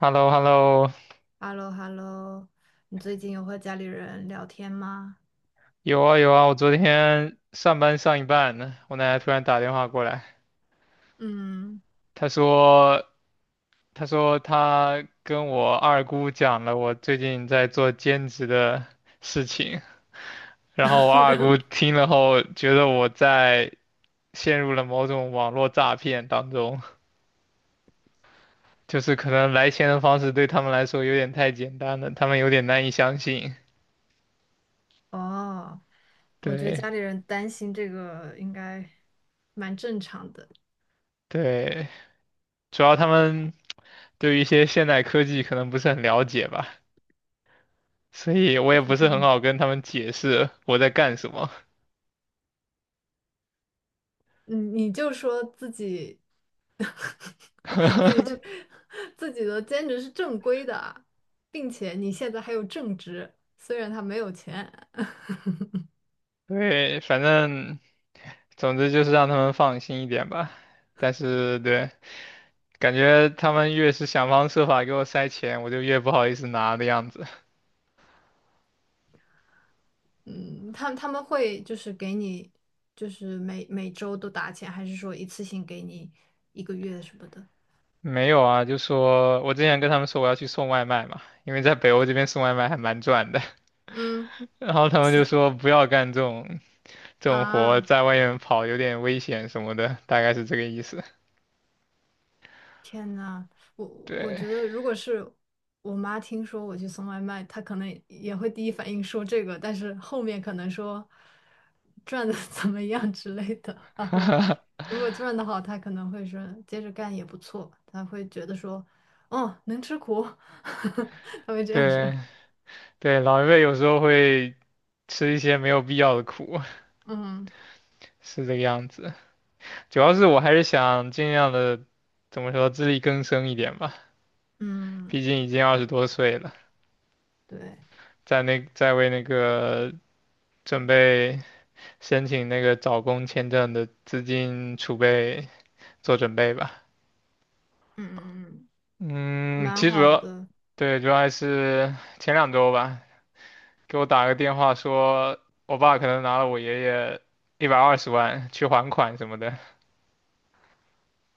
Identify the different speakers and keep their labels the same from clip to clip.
Speaker 1: h e l l o h e l l o
Speaker 2: h e l l o h e l l o 你最近有和家里人聊天吗？
Speaker 1: 有啊有啊，我昨天上班上一半呢，我奶奶突然打电话过来，
Speaker 2: 嗯。
Speaker 1: 她说她跟我二姑讲了我最近在做兼职的事情，然后我二姑 听了后觉得我在陷入了某种网络诈骗当中，就是可能来钱的方式对他们来说有点太简单了，他们有点难以相信。
Speaker 2: 哦，我觉得
Speaker 1: 对
Speaker 2: 家里人担心这个应该蛮正常的。
Speaker 1: 对，主要他们对于一些现代科技可能不是很了解吧。所以我也不是很好跟他们解释我在干什么。
Speaker 2: 嗯，你就说自己 自己这 自己的兼职是正规的，并且你现在还有正职，虽然他没有钱。
Speaker 1: 对，反正总之就是让他们放心一点吧。但是对，感觉他们越是想方设法给我塞钱，我就越不好意思拿的样子。
Speaker 2: 嗯，他们会就是给你就是每周都打钱，还是说一次性给你一个月什么的？
Speaker 1: 没有啊，就说我之前跟他们说我要去送外卖嘛，因为在北欧这边送外卖还蛮赚的。
Speaker 2: 嗯。
Speaker 1: 然后他们就说不要干这种活，
Speaker 2: 啊，
Speaker 1: 在外面跑有点危险什么的，大概是这个意思。
Speaker 2: 天呐，我觉
Speaker 1: 对
Speaker 2: 得如果是我妈听说我去送外卖，她可能也会第一反应说这个，但是后面可能说赚的 怎么样之类的，她会，如果赚的好，她可能会说接着干也不错，她会觉得说，哦，能吃苦，她会这样说。
Speaker 1: 对对，老一辈有时候会吃一些没有必要的苦，
Speaker 2: 嗯
Speaker 1: 是这个样子。主要是我还是想尽量的，怎么说，自力更生一点吧。
Speaker 2: 嗯，
Speaker 1: 毕竟已经20多岁了，
Speaker 2: 对。
Speaker 1: 在那在为那个准备申请那个找工签证的资金储备做准备吧。
Speaker 2: 嗯嗯嗯，
Speaker 1: 嗯，
Speaker 2: 蛮
Speaker 1: 其实主
Speaker 2: 好
Speaker 1: 要
Speaker 2: 的。
Speaker 1: 对主要还是前两周吧，给我打个电话说，我爸可能拿了我爷爷120万去还款什么的。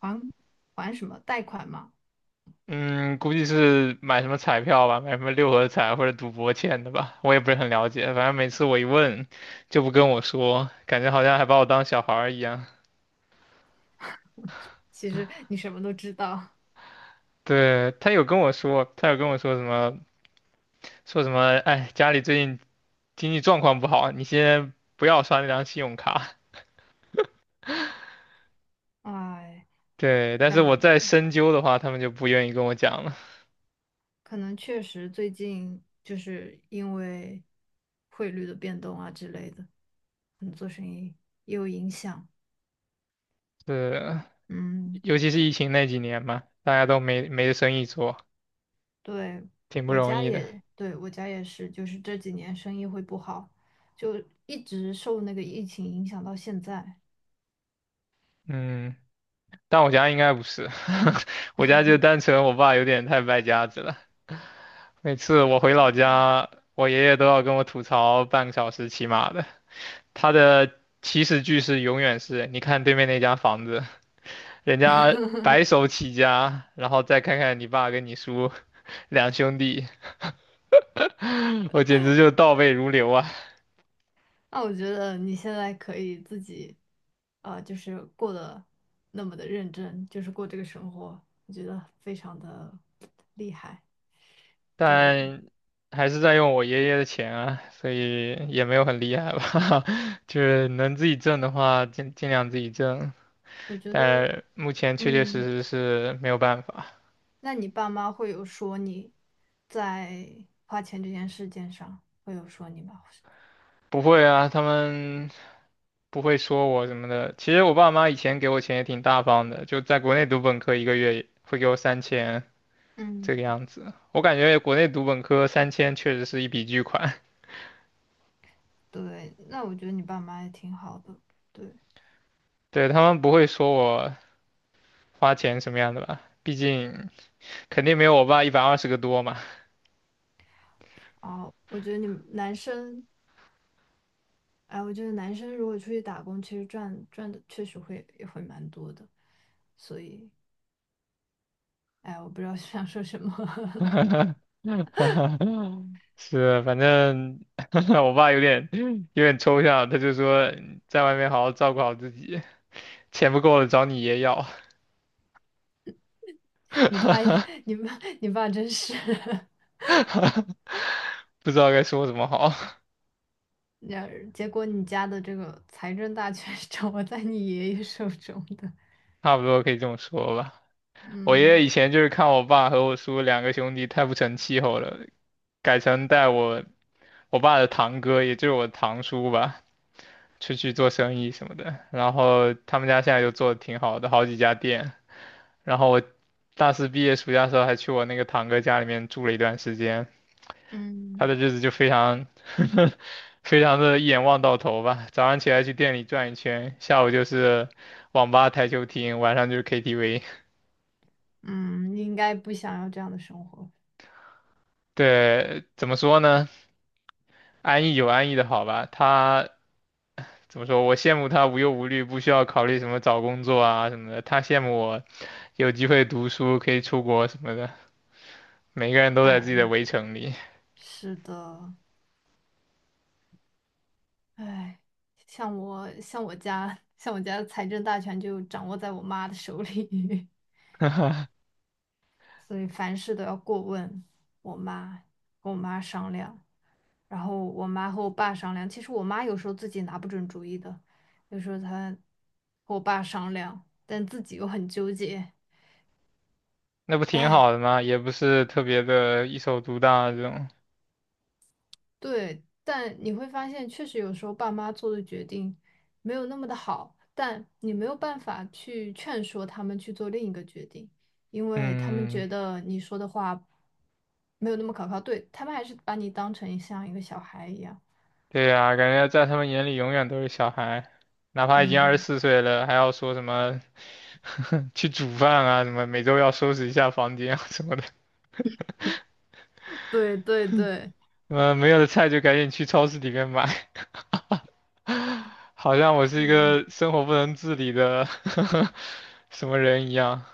Speaker 2: 还还什么贷款嘛？
Speaker 1: 嗯，估计是买什么彩票吧，买什么六合彩或者赌博欠的吧，我也不是很了解。反正每次我一问，就不跟我说，感觉好像还把我当小孩儿一样。
Speaker 2: 其实你什么都知道。
Speaker 1: 对，他有跟我说，什么，说什么，哎，家里最近经济状况不好，你先不要刷那张信用卡。
Speaker 2: 哎。
Speaker 1: 对，但是我
Speaker 2: 感
Speaker 1: 再深究的话，他们就不愿意跟我讲了。
Speaker 2: 可能确实最近就是因为汇率的变动啊之类的，可能做生意也有影响。
Speaker 1: 对，
Speaker 2: 嗯，
Speaker 1: 尤其是疫情那几年嘛，大家都没生意做，
Speaker 2: 对，
Speaker 1: 挺不
Speaker 2: 我
Speaker 1: 容
Speaker 2: 家
Speaker 1: 易的。
Speaker 2: 也，对，我家也是，就是这几年生意会不好，就一直受那个疫情影响到现在。
Speaker 1: 嗯。但我家应该不是，我家就单纯我爸有点太败家子了。每次我回老家，我爷爷都要跟我吐槽半个小时起码的。他的起始句是永远是，你看对面那家房子，人家白手起家，然后再看看你爸跟你叔 两兄弟，我简直就倒背如流啊。
Speaker 2: 那我觉得你现在可以自己，呃，就是过得那么的认真，就是过这个生活，我觉得非常的厉害。对，
Speaker 1: 但还是在用我爷爷的钱啊，所以也没有很厉害吧。就是能自己挣的话，尽量自己挣，
Speaker 2: 我觉得，
Speaker 1: 但目前确确
Speaker 2: 嗯。
Speaker 1: 实实是没有办法。
Speaker 2: 那你爸妈会有说你在花钱这件事件上会有说你吗？
Speaker 1: 不会啊，他们不会说我什么的。其实我爸妈以前给我钱也挺大方的，就在国内读本科一个月也会给我三千这个
Speaker 2: 嗯，
Speaker 1: 样子。我感觉国内读本科三千确实是一笔巨款，
Speaker 2: 对，那我觉得你爸妈也挺好的。对，
Speaker 1: 对，他们不会说我花钱什么样的吧，毕竟。肯定没有我爸120个多嘛。
Speaker 2: 哦，我觉得你们男生，哎，我觉得男生如果出去打工，其实赚的确实会也会蛮多的。所以，哎，我不知道 想说什么。
Speaker 1: 是，反正 我爸有点抽象，他就说在外面好好照顾好自己，钱不够了找你爷要，
Speaker 2: 你爸也，你爸，你爸真是。
Speaker 1: 不知道该说什么好，
Speaker 2: 那结果你家的这个财政大权 是掌握在你爷爷手中的。
Speaker 1: 差不多可以这么说吧。我爷
Speaker 2: 嗯
Speaker 1: 爷以前就是看我爸和我叔两个兄弟太不成气候了，改成带我爸的堂哥，也就是我堂叔吧，出去做生意什么的。然后他们家现在就做的挺好的，好几家店。然后我大四毕业暑假的时候还去我那个堂哥家里面住了一段时间，他
Speaker 2: 嗯。
Speaker 1: 的日子就非常 非常的一眼望到头吧。早上起来去店里转一圈，下午就是网吧、台球厅，晚上就是 KTV。
Speaker 2: 嗯，应该不想要这样的生活。
Speaker 1: 对，怎么说呢？安逸有安逸的好吧。他怎么说？我羡慕他无忧无虑，不需要考虑什么找工作啊什么的。他羡慕我有机会读书，可以出国什么的。每个人都在自己的
Speaker 2: 嗯，
Speaker 1: 围城里。
Speaker 2: 是的，哎，像我家的财政大权就掌握在我妈的手里，所以凡事都要过问我妈，跟我妈商量，然后我妈和我爸商量。其实我妈有时候自己拿不准主意的，有时候她和我爸商量，但自己又很纠结。
Speaker 1: 那不挺
Speaker 2: 哎。
Speaker 1: 好的吗？也不是特别的一手独大这种。
Speaker 2: 对，但你会发现，确实有时候爸妈做的决定没有那么的好，但你没有办法去劝说他们去做另一个决定，因为他们
Speaker 1: 嗯，
Speaker 2: 觉得你说的话没有那么可靠，对，他们还是把你当成像一个小孩一样。
Speaker 1: 对呀，感觉在他们眼里永远都是小孩，哪怕已经二十
Speaker 2: 嗯，
Speaker 1: 四岁了，还要说什么 去煮饭啊，什么每周要收拾一下房间啊什么的，
Speaker 2: 对对对。
Speaker 1: 嗯，没有的菜就赶紧去超市里面买，好像我是一
Speaker 2: 是。
Speaker 1: 个生活不能自理的 什么人一样。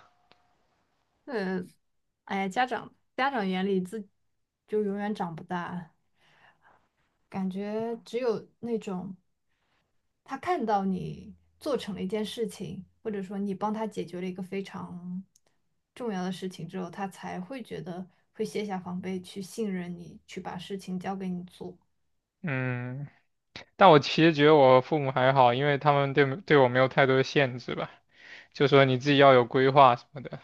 Speaker 2: 呃，哎呀，家长眼里就永远长不大，感觉只有那种。他看到你做成了一件事情，或者说你帮他解决了一个非常重要的事情之后，他才会觉得会卸下防备，去信任你，去把事情交给你做。
Speaker 1: 嗯，但我其实觉得我父母还好，因为他们对我没有太多的限制吧，就说你自己要有规划什么的，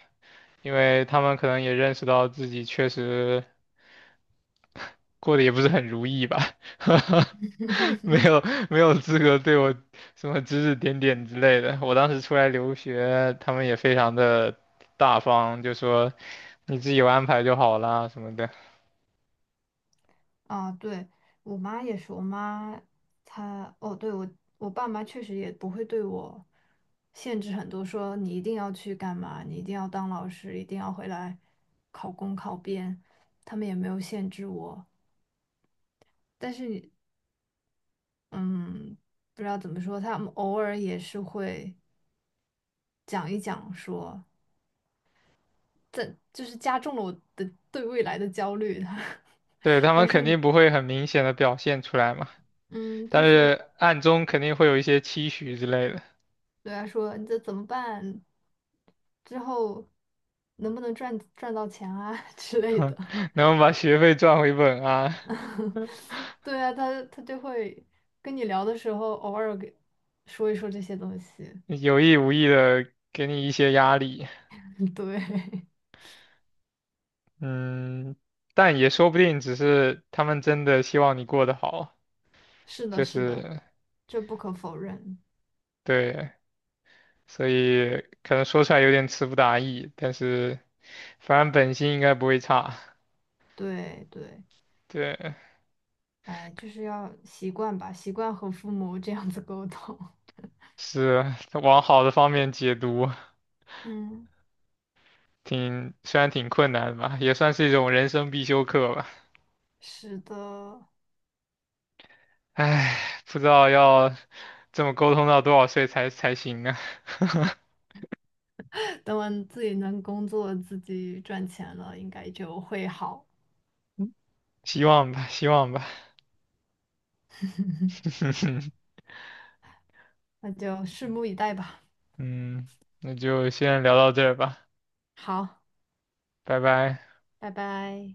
Speaker 1: 因为他们可能也认识到自己确实过得也不是很如意吧，没有没有资格对我什么指指点点之类的。我当时出来留学，他们也非常的大方，就说你自己有安排就好啦什么的。
Speaker 2: 啊，对，我妈也是，我妈她哦，对我我爸妈确实也不会对我限制很多，说你一定要去干嘛，你一定要当老师，一定要回来考公考编，他们也没有限制我。但是嗯，不知道怎么说，他们偶尔也是会讲一讲说，这就是加重了我的对未来的焦虑。他
Speaker 1: 对，他们
Speaker 2: 他说
Speaker 1: 肯定
Speaker 2: 你，
Speaker 1: 不会很明显的表现出来嘛，
Speaker 2: 嗯，
Speaker 1: 但
Speaker 2: 就说
Speaker 1: 是暗中肯定会有一些期许之类的。
Speaker 2: 对他说你这怎么办？之后能不能赚到钱啊 之类的？
Speaker 1: 能把学费赚回本啊，
Speaker 2: 对啊，他就会跟你聊的时候，偶尔给说一说这些东西。
Speaker 1: 有意无意的给你一些压力，
Speaker 2: 对。
Speaker 1: 嗯，但也说不定只是他们真的希望你过得好，
Speaker 2: 是的，
Speaker 1: 就
Speaker 2: 是的，
Speaker 1: 是
Speaker 2: 这不可否认。
Speaker 1: 对，所以可能说出来有点词不达意，但是反正本心应该不会差，
Speaker 2: 对对。
Speaker 1: 对，
Speaker 2: 哎，就是要习惯吧，习惯和父母这样子沟通。
Speaker 1: 是往好的方面解读，
Speaker 2: 嗯，
Speaker 1: 挺虽然挺困难的吧，也算是一种人生必修课吧。
Speaker 2: 是的，
Speaker 1: 唉，不知道要这么沟通到多少岁才行呢？
Speaker 2: 等我自己能工作、自己赚钱了，应该就会好。
Speaker 1: 希望吧，希望吧。
Speaker 2: 那就拭目以待吧。
Speaker 1: 嗯，那就先聊到这儿吧，
Speaker 2: 好，
Speaker 1: 拜拜。
Speaker 2: 拜拜。